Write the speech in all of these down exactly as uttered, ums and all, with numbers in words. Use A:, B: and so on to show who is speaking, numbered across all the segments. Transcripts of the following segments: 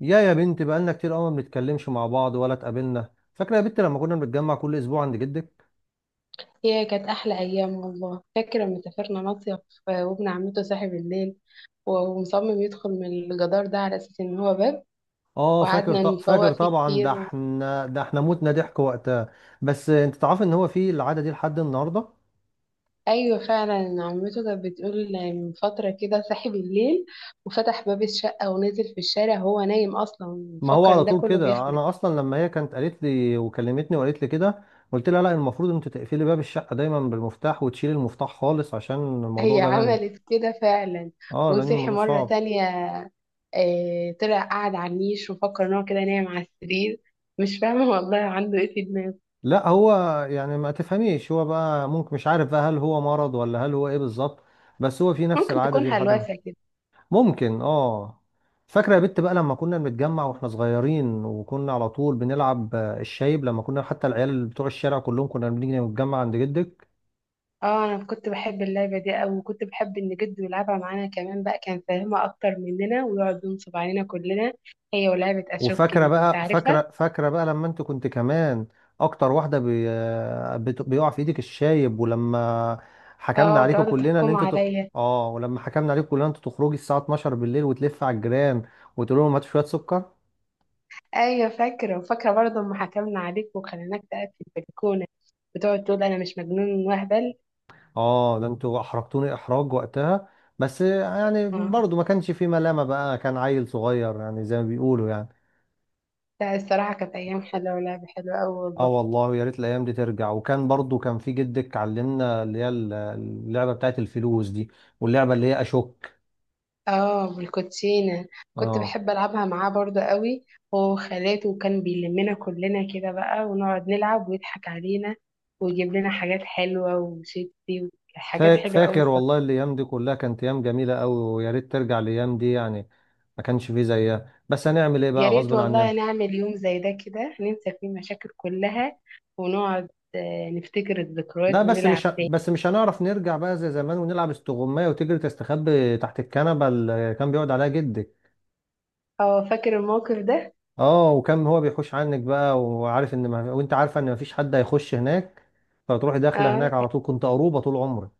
A: يا يا بنت، بقالنا كتير قوي ما بنتكلمش مع بعض ولا اتقابلنا. فاكره يا بنت لما كنا بنتجمع كل اسبوع عند جدك.
B: هي كانت أحلى أيام والله. فاكرة لما سافرنا مصيف، وابن عمته صاحي بالليل، ومصمم يدخل من الجدار ده على أساس إن هو باب،
A: اه فاكر
B: وقعدنا
A: ط...
B: نفوق
A: فاكر
B: فيه
A: طبعا، ده
B: كتير.
A: احنا ده احنا متنا ضحك وقتها. بس انت تعرف ان هو في العاده دي لحد النهارده.
B: أيوة، فعلا عمته كانت بتقول من فترة كده صاحي بالليل وفتح باب الشقة ونزل في الشارع وهو نايم أصلا،
A: ما هو
B: مفكر
A: على
B: إن ده
A: طول
B: كله
A: كده،
B: بيحلم.
A: انا اصلا لما هي كانت قالت لي وكلمتني وقالت لي كده، قلت لها لا، المفروض انت تقفلي باب الشقه دايما بالمفتاح وتشيلي المفتاح خالص عشان الموضوع
B: هي
A: ده لن.
B: عملت كده فعلا،
A: اه، لان
B: وصحي
A: الموضوع
B: مرة
A: صعب.
B: تانية. آه، طلع قعد على النيش وفكر إن هو كده نايم على السرير. مش فاهمة والله عنده إيه في دماغه.
A: لا هو، يعني ما تفهميش، هو بقى ممكن مش عارف بقى هل هو مرض ولا هل هو ايه بالظبط، بس هو في نفس
B: ممكن
A: العادة
B: تكون
A: دي لحد ما.
B: هلوسة كده.
A: ممكن، اه. فاكرة يا بت بقى لما كنا بنتجمع واحنا صغيرين، وكنا على طول بنلعب آه، الشايب، لما كنا، حتى العيال بتوع الشارع كلهم كنا بنيجي نتجمع عند جدك.
B: اه، انا كنت بحب اللعبة دي اوي، وكنت بحب ان جده يلعبها معانا كمان بقى، كان فاهمها اكتر مننا ويقعد ينصب علينا كلنا. هي ولعبة اشوك
A: وفاكره
B: دي انت
A: بقى
B: عارفها؟
A: فاكره فاكره بقى لما انت كنت كمان اكتر واحده بي... بت- بيقع في ايدك الشايب، ولما حكمنا
B: اه،
A: عليكم
B: تقعدوا
A: كلنا ان
B: تحكموا
A: انت تخ...
B: عليا.
A: اه، ولما حكمنا عليكم كلنا انت تخرجي الساعه اتناشر بالليل وتلف على الجيران وتقول لهم هاتوا شويه سكر.
B: ايوه فاكرة، وفاكرة برضه اما حكمنا عليك وخليناك تقعد في البلكونة، وتقعد تقول انا مش مجنون وهبل.
A: اه، ده انتوا احرجتوني احراج وقتها، بس يعني
B: اه،
A: برضو ما كانش في ملامه بقى، كان عيل صغير يعني، زي ما بيقولوا يعني.
B: لا الصراحة كانت ايام حلوة ولعبة حلوة اوي
A: اه
B: والله.
A: والله، يا ريت الايام دي ترجع. وكان برضو كان في جدك علمنا اللي هي اللعبه بتاعت الفلوس دي، واللعبه اللي هي اشك.
B: اه، بالكوتشينة. كنت
A: اه.
B: بحب ألعبها معاه برضه قوي. هو وخالاته، وكان بيلمنا كلنا كده بقى ونقعد نلعب ويضحك علينا. ويجيب لنا حاجات حلوة وشيبسي، وحاجات
A: فا-
B: حلوة قوي
A: فاكر
B: الصراحة.
A: والله الايام دي كلها كانت ايام جميله قوي، ويا ريت ترجع الايام دي يعني، ما كانش فيه زيها، بس هنعمل ايه
B: يا
A: بقى،
B: ريت
A: غصب
B: والله
A: عننا.
B: نعمل يوم زي ده كده ننسى فيه المشاكل كلها ونقعد، آه، نفتكر
A: لا
B: الذكريات
A: بس
B: ونلعب.
A: مش ه- بس مش هنعرف نرجع بقى زي زمان ونلعب استغمايه وتجري تستخبي تحت الكنبه اللي كان بيقعد عليها جدك.
B: اه، فاكر الموقف ده.
A: اه، وكان هو بيخش عنك بقى، وعارف ان ما وانت عارفه ان ما فيش حد هيخش هناك، فتروحي داخله
B: اه،
A: هناك على طول، كنت قروبه طول عمرك.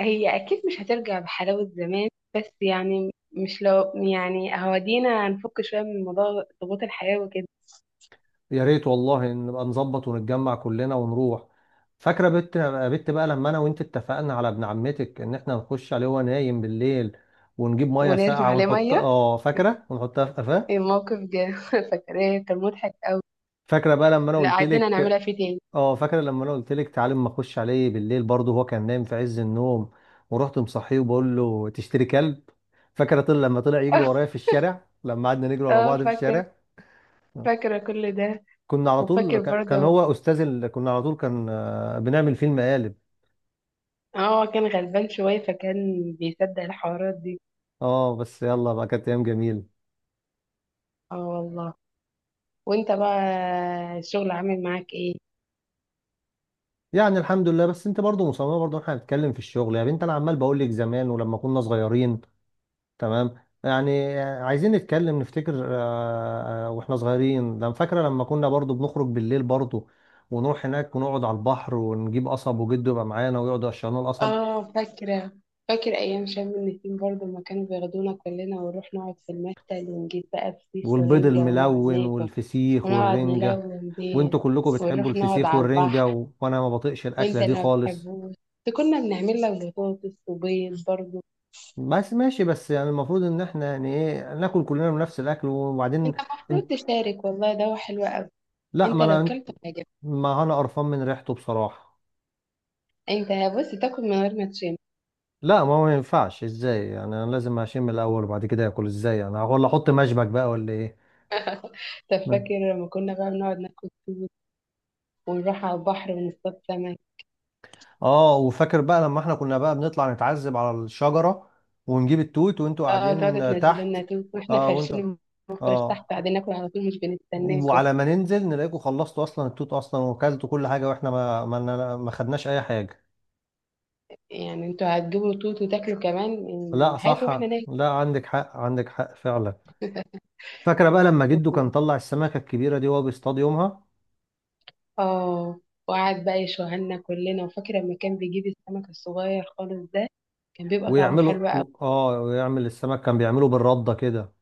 B: هي أكيد مش هترجع بحلاوة زمان. بس يعني مش لو يعني هودينا هنفك شوية من موضوع ضغوط الحياة وكده.
A: يا ريت والله إن نبقى نظبط ونتجمع كلنا ونروح. فاكره بت بت بقى لما انا وانت اتفقنا على ابن عمتك ان احنا نخش عليه وهو نايم بالليل، ونجيب ميه
B: ونرمي
A: ساقعه
B: عليه
A: ونحط،
B: ميه.
A: اه فاكره، ونحطها في قفاه.
B: الموقف جه فاكراه، كان مضحك.
A: فاكره بقى لما انا
B: لا،
A: قلت
B: عايزين نعملها
A: لك.
B: فيه تاني.
A: اه، فاكره لما انا قلت لك تعالى اما اخش عليه بالليل برضه، هو كان نايم في عز النوم، ورحت مصحيه وبقول له تشتري كلب. فاكره طلع، لما طلع يجري ورايا في الشارع، لما قعدنا نجري ورا بعض
B: اه،
A: في
B: فاكرة.
A: الشارع.
B: فاكرة كل ده.
A: كنا على طول
B: وفاكر
A: ك- كان
B: برضه.
A: هو استاذ ال... كنا على طول كان، آه، بنعمل فيلم قالب.
B: اه، كان غلبان شوية فكان بيصدق الحوارات دي.
A: اه، بس يلا بقى، كانت ايام جميله.
B: اه والله. وانت بقى الشغل عامل معاك ايه؟
A: يعني الحمد لله، بس انت برضو مصممه برضو احنا هنتكلم في الشغل يا بنت، انا عمال بقول لك زمان ولما كنا صغيرين. تمام. يعني عايزين نتكلم نفتكر، آه، آه، واحنا صغيرين ده. أنا فاكره لما كنا برضو بنخرج بالليل برضو، ونروح هناك ونقعد على البحر، ونجيب قصب وجده يبقى معانا ويقعدوا يقشروا القصب.
B: اه فاكرة. فاكر أيام شم النسيم برضه لما كانوا بياخدونا كلنا، ونروح نقعد في المشتل، ونجيب بقى فسيخ
A: والبيض
B: ورنجة ونقعد
A: الملون
B: ناكل.
A: والفسيخ
B: ونقعد
A: والرنجه.
B: نلون بيه.
A: وانتوا كلكم بتحبوا
B: ونروح نقعد
A: الفسيخ
B: على
A: والرنجه
B: البحر.
A: و... وانا ما بطيقش
B: وانت
A: الاكله دي
B: اللي ما
A: خالص.
B: بتحبوش. كنا بنعمل لك بطاطس وبيض برضه.
A: بس ماشي، بس يعني المفروض ان احنا يعني ايه، ناكل كلنا من نفس الاكل وبعدين.
B: انت المفروض
A: انت.
B: تشارك، والله ده هو حلو قوي.
A: لا
B: انت
A: ما
B: لو
A: انا،
B: كلت هيعجبك.
A: ما انا قرفان من ريحته بصراحه.
B: انت، بص تاكل من غير ما تشم.
A: لا ما هو، ما ينفعش ازاي يعني، انا لازم اشم الاول وبعد كده اكل، ازاي انا، ولا احط مشبك بقى، ولا ايه.
B: طب
A: مم.
B: فاكر لما كنا بقى بنقعد ناكل. ونروح على البحر ونصطاد سمك.
A: اه، وفاكر بقى لما احنا كنا بقى بنطلع نتعذب على الشجره، ونجيب التوت وانتوا
B: اه، تقعدوا
A: قاعدين آه،
B: تنزلوا لنا
A: تحت.
B: توت واحنا
A: اه، وانتوا.
B: فرشين المفرش تحت
A: اه،
B: قاعدين ناكل على طول، مش بنستناكم.
A: وعلى ما ننزل نلاقيكم خلصتوا اصلا التوت اصلا، وكلتوا كل حاجه، واحنا ما ما ما خدناش اي حاجه.
B: يعني انتوا هتجيبوا توت وتاكلوا كمان؟ اه،
A: لا
B: هاتوا واحنا
A: صح، لا عندك حق، عندك حق فعلا. فاكره بقى لما جده كان
B: ناكل.
A: طلع السمكه الكبيره دي وهو بيصطاد يومها.
B: اه، وقعد بقى يشوهنا كلنا. وفاكرة لما كان بيجيب السمك الصغير خالص ده، كان بيبقى طعمه
A: ويعملوا
B: حلو قوي.
A: و- اه ويعمل السمك، كان بيعمله بالرده كده.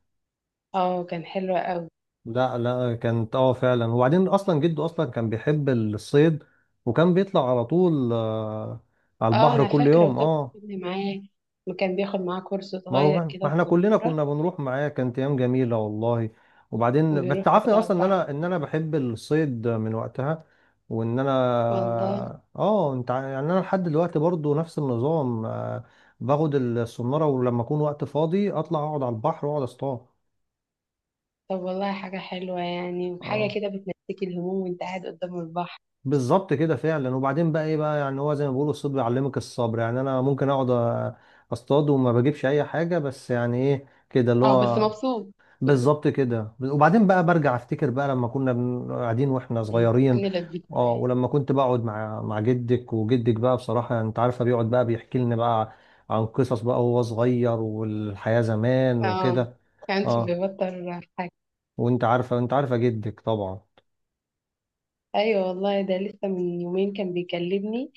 B: اه، كان حلو قوي.
A: لا لا، كانت اه فعلا. وبعدين اصلا جده اصلا كان بيحب الصيد، وكان بيطلع على طول، آه، على
B: اه
A: البحر
B: انا
A: كل
B: فاكرة،
A: يوم،
B: وكان
A: اه.
B: بياخدني معاه. وكان بياخد معاه كرسي
A: ما هو،
B: صغير كده
A: ما احنا كلنا
B: وصنورة.
A: كنا بنروح معاه، كانت ايام جميله والله. وبعدين بس
B: وبيروح يقعد
A: تعرفني
B: على
A: اصلا ان
B: البحر.
A: انا ان انا بحب الصيد من وقتها، وان انا.
B: والله.
A: اه، انت ع- يعني انا لحد دلوقتي برضو نفس النظام، آه، باخد الصناره، ولما اكون وقت فاضي اطلع اقعد على البحر واقعد اصطاد.
B: طب والله حاجة حلوة يعني، وحاجة
A: اه،
B: كده بتنسيك الهموم وانت قاعد قدام البحر.
A: بالظبط كده فعلا. وبعدين بقى ايه بقى، يعني هو زي ما بيقولوا الصيد بيعلمك الصبر، يعني انا ممكن اقعد أ- اصطاد وما بجيبش اي حاجه، بس يعني ايه كده اللي
B: اه، بس
A: هو.
B: مبسوط.
A: بالظبط كده. وبعدين بقى، برجع افتكر بقى لما كنا بن- قاعدين واحنا
B: إيه،
A: صغيرين.
B: كان لبيت
A: اه،
B: يعني.
A: ولما كنت بقعد مع مع جدك، وجدك بقى بصراحة، يعني انت عارفة، بيقعد بقى بيحكي لنا بقى عن قصص بقى، وهو صغير والحياة زمان
B: اه،
A: وكده.
B: كانش
A: اه،
B: بيبطل.
A: وانت عارفة، انت عارفة جدك طبعا.
B: ايوه والله، ده لسه من يومين كان بيكلمني.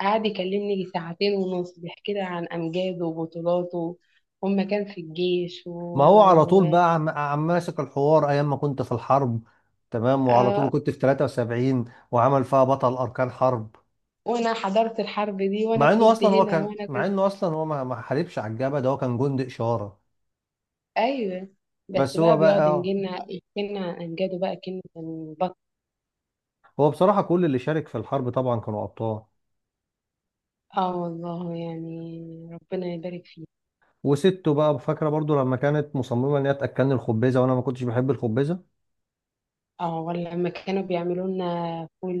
B: قعد يكلمني يجي ساعتين ونص بيحكي لي عن امجاده وبطولاته. هما كان في الجيش
A: ما هو على طول
B: و
A: بقى عم عم ماسك الحوار ايام ما كنت في الحرب، تمام، وعلى
B: آه،
A: طول كنت في تلاتة وسبعين، وعمل فيها بطل اركان حرب.
B: وانا حضرت الحرب دي وانا
A: مع انه
B: كنت
A: اصلا هو
B: هنا
A: كان
B: وانا
A: مع
B: كنت.
A: انه اصلا هو ما ما حاربش على الجبهة، ده هو كان جندي اشارة.
B: ايوه، بس
A: بس هو
B: بقى
A: بقى،
B: بيقعد
A: اه،
B: ينجلنا يحكي لنا عن امجاده بقى كلمة كان بط.
A: هو بصراحة كل اللي شارك في الحرب طبعا كانوا أبطال.
B: اه والله، يعني ربنا يبارك فيه.
A: وسته بقى فاكرة برضو لما كانت مصممة إن هي تأكلني الخبيزة، وأنا ما كنتش بحب الخبيزة.
B: اه، ولا لما كانوا بيعملوا لنا فول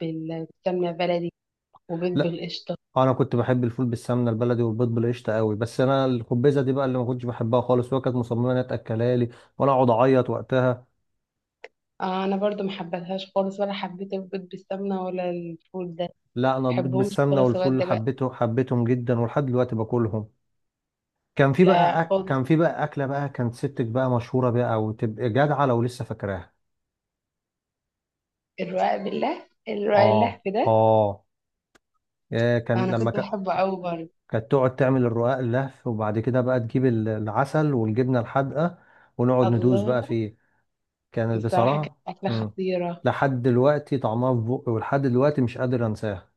B: بال- بالسمنة بلدي وبيض
A: لا،
B: بالقشطة.
A: أنا كنت بحب الفول بالسمنة البلدي والبيض بالقشطة قوي، بس أنا الخبيزة دي بقى اللي ما كنتش بحبها خالص، وهي كانت مصممة إن هي تأكلها لي، وأنا أقعد أعيط وقتها.
B: آه، انا برضو ما حبيتهاش خالص، ولا حبيت البيض بالسمنه ولا الفول، ده ما
A: لا، أنا البيض
B: بحبهمش
A: بالسمنة
B: خالص لغايه
A: والفول
B: دلوقتي.
A: حبيته حبيتهم جدا، ولحد دلوقتي باكلهم. كان في
B: لا
A: بقى أك...
B: خالص،
A: كان في بقى أكلة بقى كانت ستك بقى مشهورة بيها، أو تبقى جدعة لو لسه فاكراها.
B: الرقاق بالله، الرقاق اللحف
A: آه
B: ده.
A: آه. آه، كان
B: انا
A: لما
B: كنت بحبه قوي برضه.
A: كانت تقعد تعمل الرقاق اللهف، وبعد كده بقى تجيب ال- العسل والجبنة الحادقة، ونقعد ندوس
B: الله.
A: بقى فيه. كانت
B: الصراحه كانت
A: بصراحة.
B: اكله
A: مم.
B: خطيره.
A: لحد دلوقتي طعمها في بقي، ولحد دلوقتي مش قادر انساها.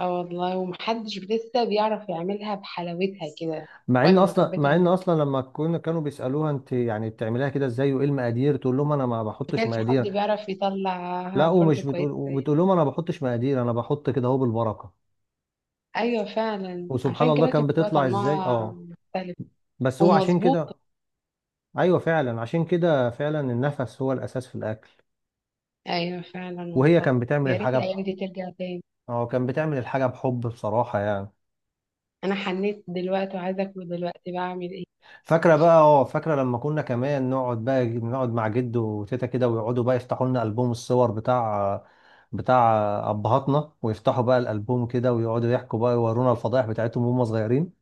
B: اه والله، ومحدش لسه بيعرف يعملها بحلاوتها كده.
A: مع ان
B: وقت ما كانت
A: اصلا مع ان
B: بتعمل،
A: اصلا لما كنا، كانوا بيسالوها انت يعني بتعمليها كده ازاي وايه المقادير، تقول لهم انا ما
B: ما
A: بحطش
B: كانش حد
A: مقادير.
B: بيعرف يطلعها
A: لا،
B: برضه
A: ومش
B: كويس.
A: بتقول وبتقول لهم انا ما بحطش مقادير، انا بحط كده اهو بالبركه.
B: ايوه فعلا،
A: وسبحان
B: عشان
A: الله،
B: كده كان
A: كان
B: بيبقى
A: بتطلع ازاي،
B: طعمها
A: اه.
B: مختلف
A: بس هو عشان
B: ومظبوط.
A: كده، ايوه فعلا، عشان كده فعلا النفس هو الاساس في الاكل.
B: ايوه فعلا
A: وهي
B: والله.
A: كانت بتعمل
B: يا ريت
A: الحاجة
B: الايام
A: بحب.
B: دي ترجع تاني.
A: هو كان بتعمل الحاجة بحب، بصراحة يعني.
B: انا حنيت دلوقتي وعايزه اكل، دلوقتي بعمل ايه؟
A: فاكرة بقى اه فاكرة لما كنا كمان نقعد بقى نقعد مع جد وتيتا كده، ويقعدوا بقى يفتحوا لنا ألبوم الصور بتاع بتاع أبهاتنا، ويفتحوا بقى الألبوم كده، ويقعدوا يحكوا بقى يورونا الفضايح بتاعتهم وهم صغيرين.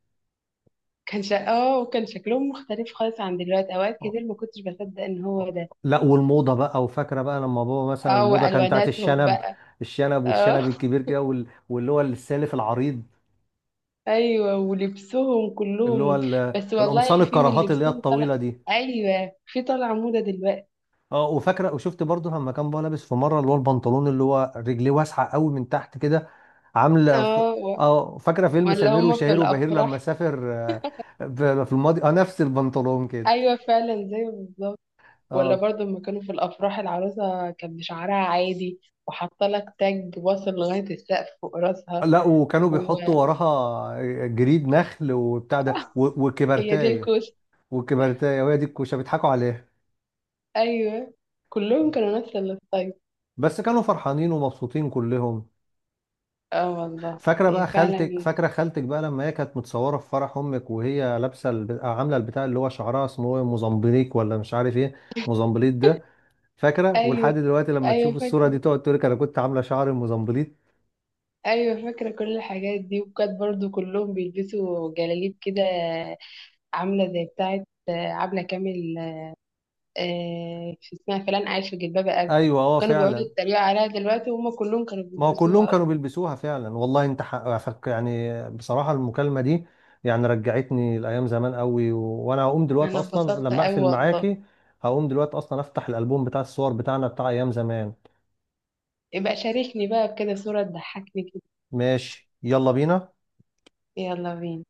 B: كان شا... اه وكان شكلهم مختلف خالص عن دلوقتي، اوقات كتير ما كنتش بصدق ان هو ده.
A: لا، والموضة بقى. وفاكرة بقى لما بابا مثلا،
B: اه،
A: الموضة كانت بتاعت
B: والواناتهم
A: الشنب.
B: بقى.
A: الشنب والشنب
B: اه،
A: الكبير كده، وال- واللي هو السالف العريض،
B: ايوه، ولبسهم
A: اللي هو
B: كلهم.
A: ال-
B: بس والله
A: القمصان
B: في من
A: الكراهات اللي هي
B: لبسهم طلع.
A: الطويلة دي.
B: ايوه، في طالعه موضه دلوقتي.
A: اه، وفاكره، وشفت برضه لما كان بقى لابس في مره، اللي هو البنطلون اللي هو رجليه واسعه قوي من تحت كده، عامله ف-
B: اه، و-
A: اه، فاكره فيلم
B: ولا
A: سمير
B: هم في
A: وشهير وبهير
B: الافراح.
A: لما سافر، آه، ب- في الماضي، اه، نفس البنطلون كده.
B: ايوه فعلا زي بالظبط. ولا
A: اه.
B: برضه، لما كانوا في الافراح العروسه كان بشعرها عادي، وحاطه لك تاج واصل لغايه السقف فوق راسها.
A: لا، وكانوا
B: وهي
A: بيحطوا وراها، آه، جريد نخل وبتاع ده، و-
B: دي
A: وكبرتايه
B: الكوسه.
A: وكبرتايه، وهي دي الكوشه، بيضحكوا عليها.
B: ايوه، كلهم كانوا نفس الستايل.
A: بس كانوا فرحانين ومبسوطين كلهم.
B: اه والله.
A: فاكره بقى
B: هي فعلا.
A: خالتك فاكره خالتك بقى لما هي كانت متصوره في فرح امك، وهي لابسه الب... آه، عامله البتاع، اللي هو شعرها اسمه ايه، موزمبليك، ولا مش عارف ايه، موزمبليت ده. فاكره،
B: ايوه،
A: ولحد دلوقتي لما
B: ايوه
A: تشوف الصوره دي
B: فاكره.
A: تقعد تقول لك انا كنت عامله شعري موزمبليت.
B: ايوه فاكره كل الحاجات دي، وكانت برضو كلهم بيلبسوا جلاليب كده. عامله زي بتاعه آه، عبله كامل. آه، في اسمها فلان عايش في جلباب ابي.
A: ايوه، اه
B: كانوا بيقعدوا
A: فعلا.
B: يتريقوا عليها دلوقتي وهم كلهم كانوا
A: ما هو كلهم
B: بيلبسوها
A: كانوا
B: أصلاً.
A: بيلبسوها فعلا والله. انت حق... فك- يعني بصراحه المكالمه دي يعني رجعتني لايام زمان قوي و... وانا هقوم دلوقتي
B: انا
A: اصلا
B: اتبسطت
A: لما
B: أوي
A: اقفل
B: والله.
A: معاكي، هقوم دلوقتي اصلا افتح الالبوم بتاع الصور بتاعنا بتاع ايام زمان.
B: يبقى شاركني بقى بكده صوره تضحكني كده.
A: ماشي، يلا بينا.
B: يلا بينا.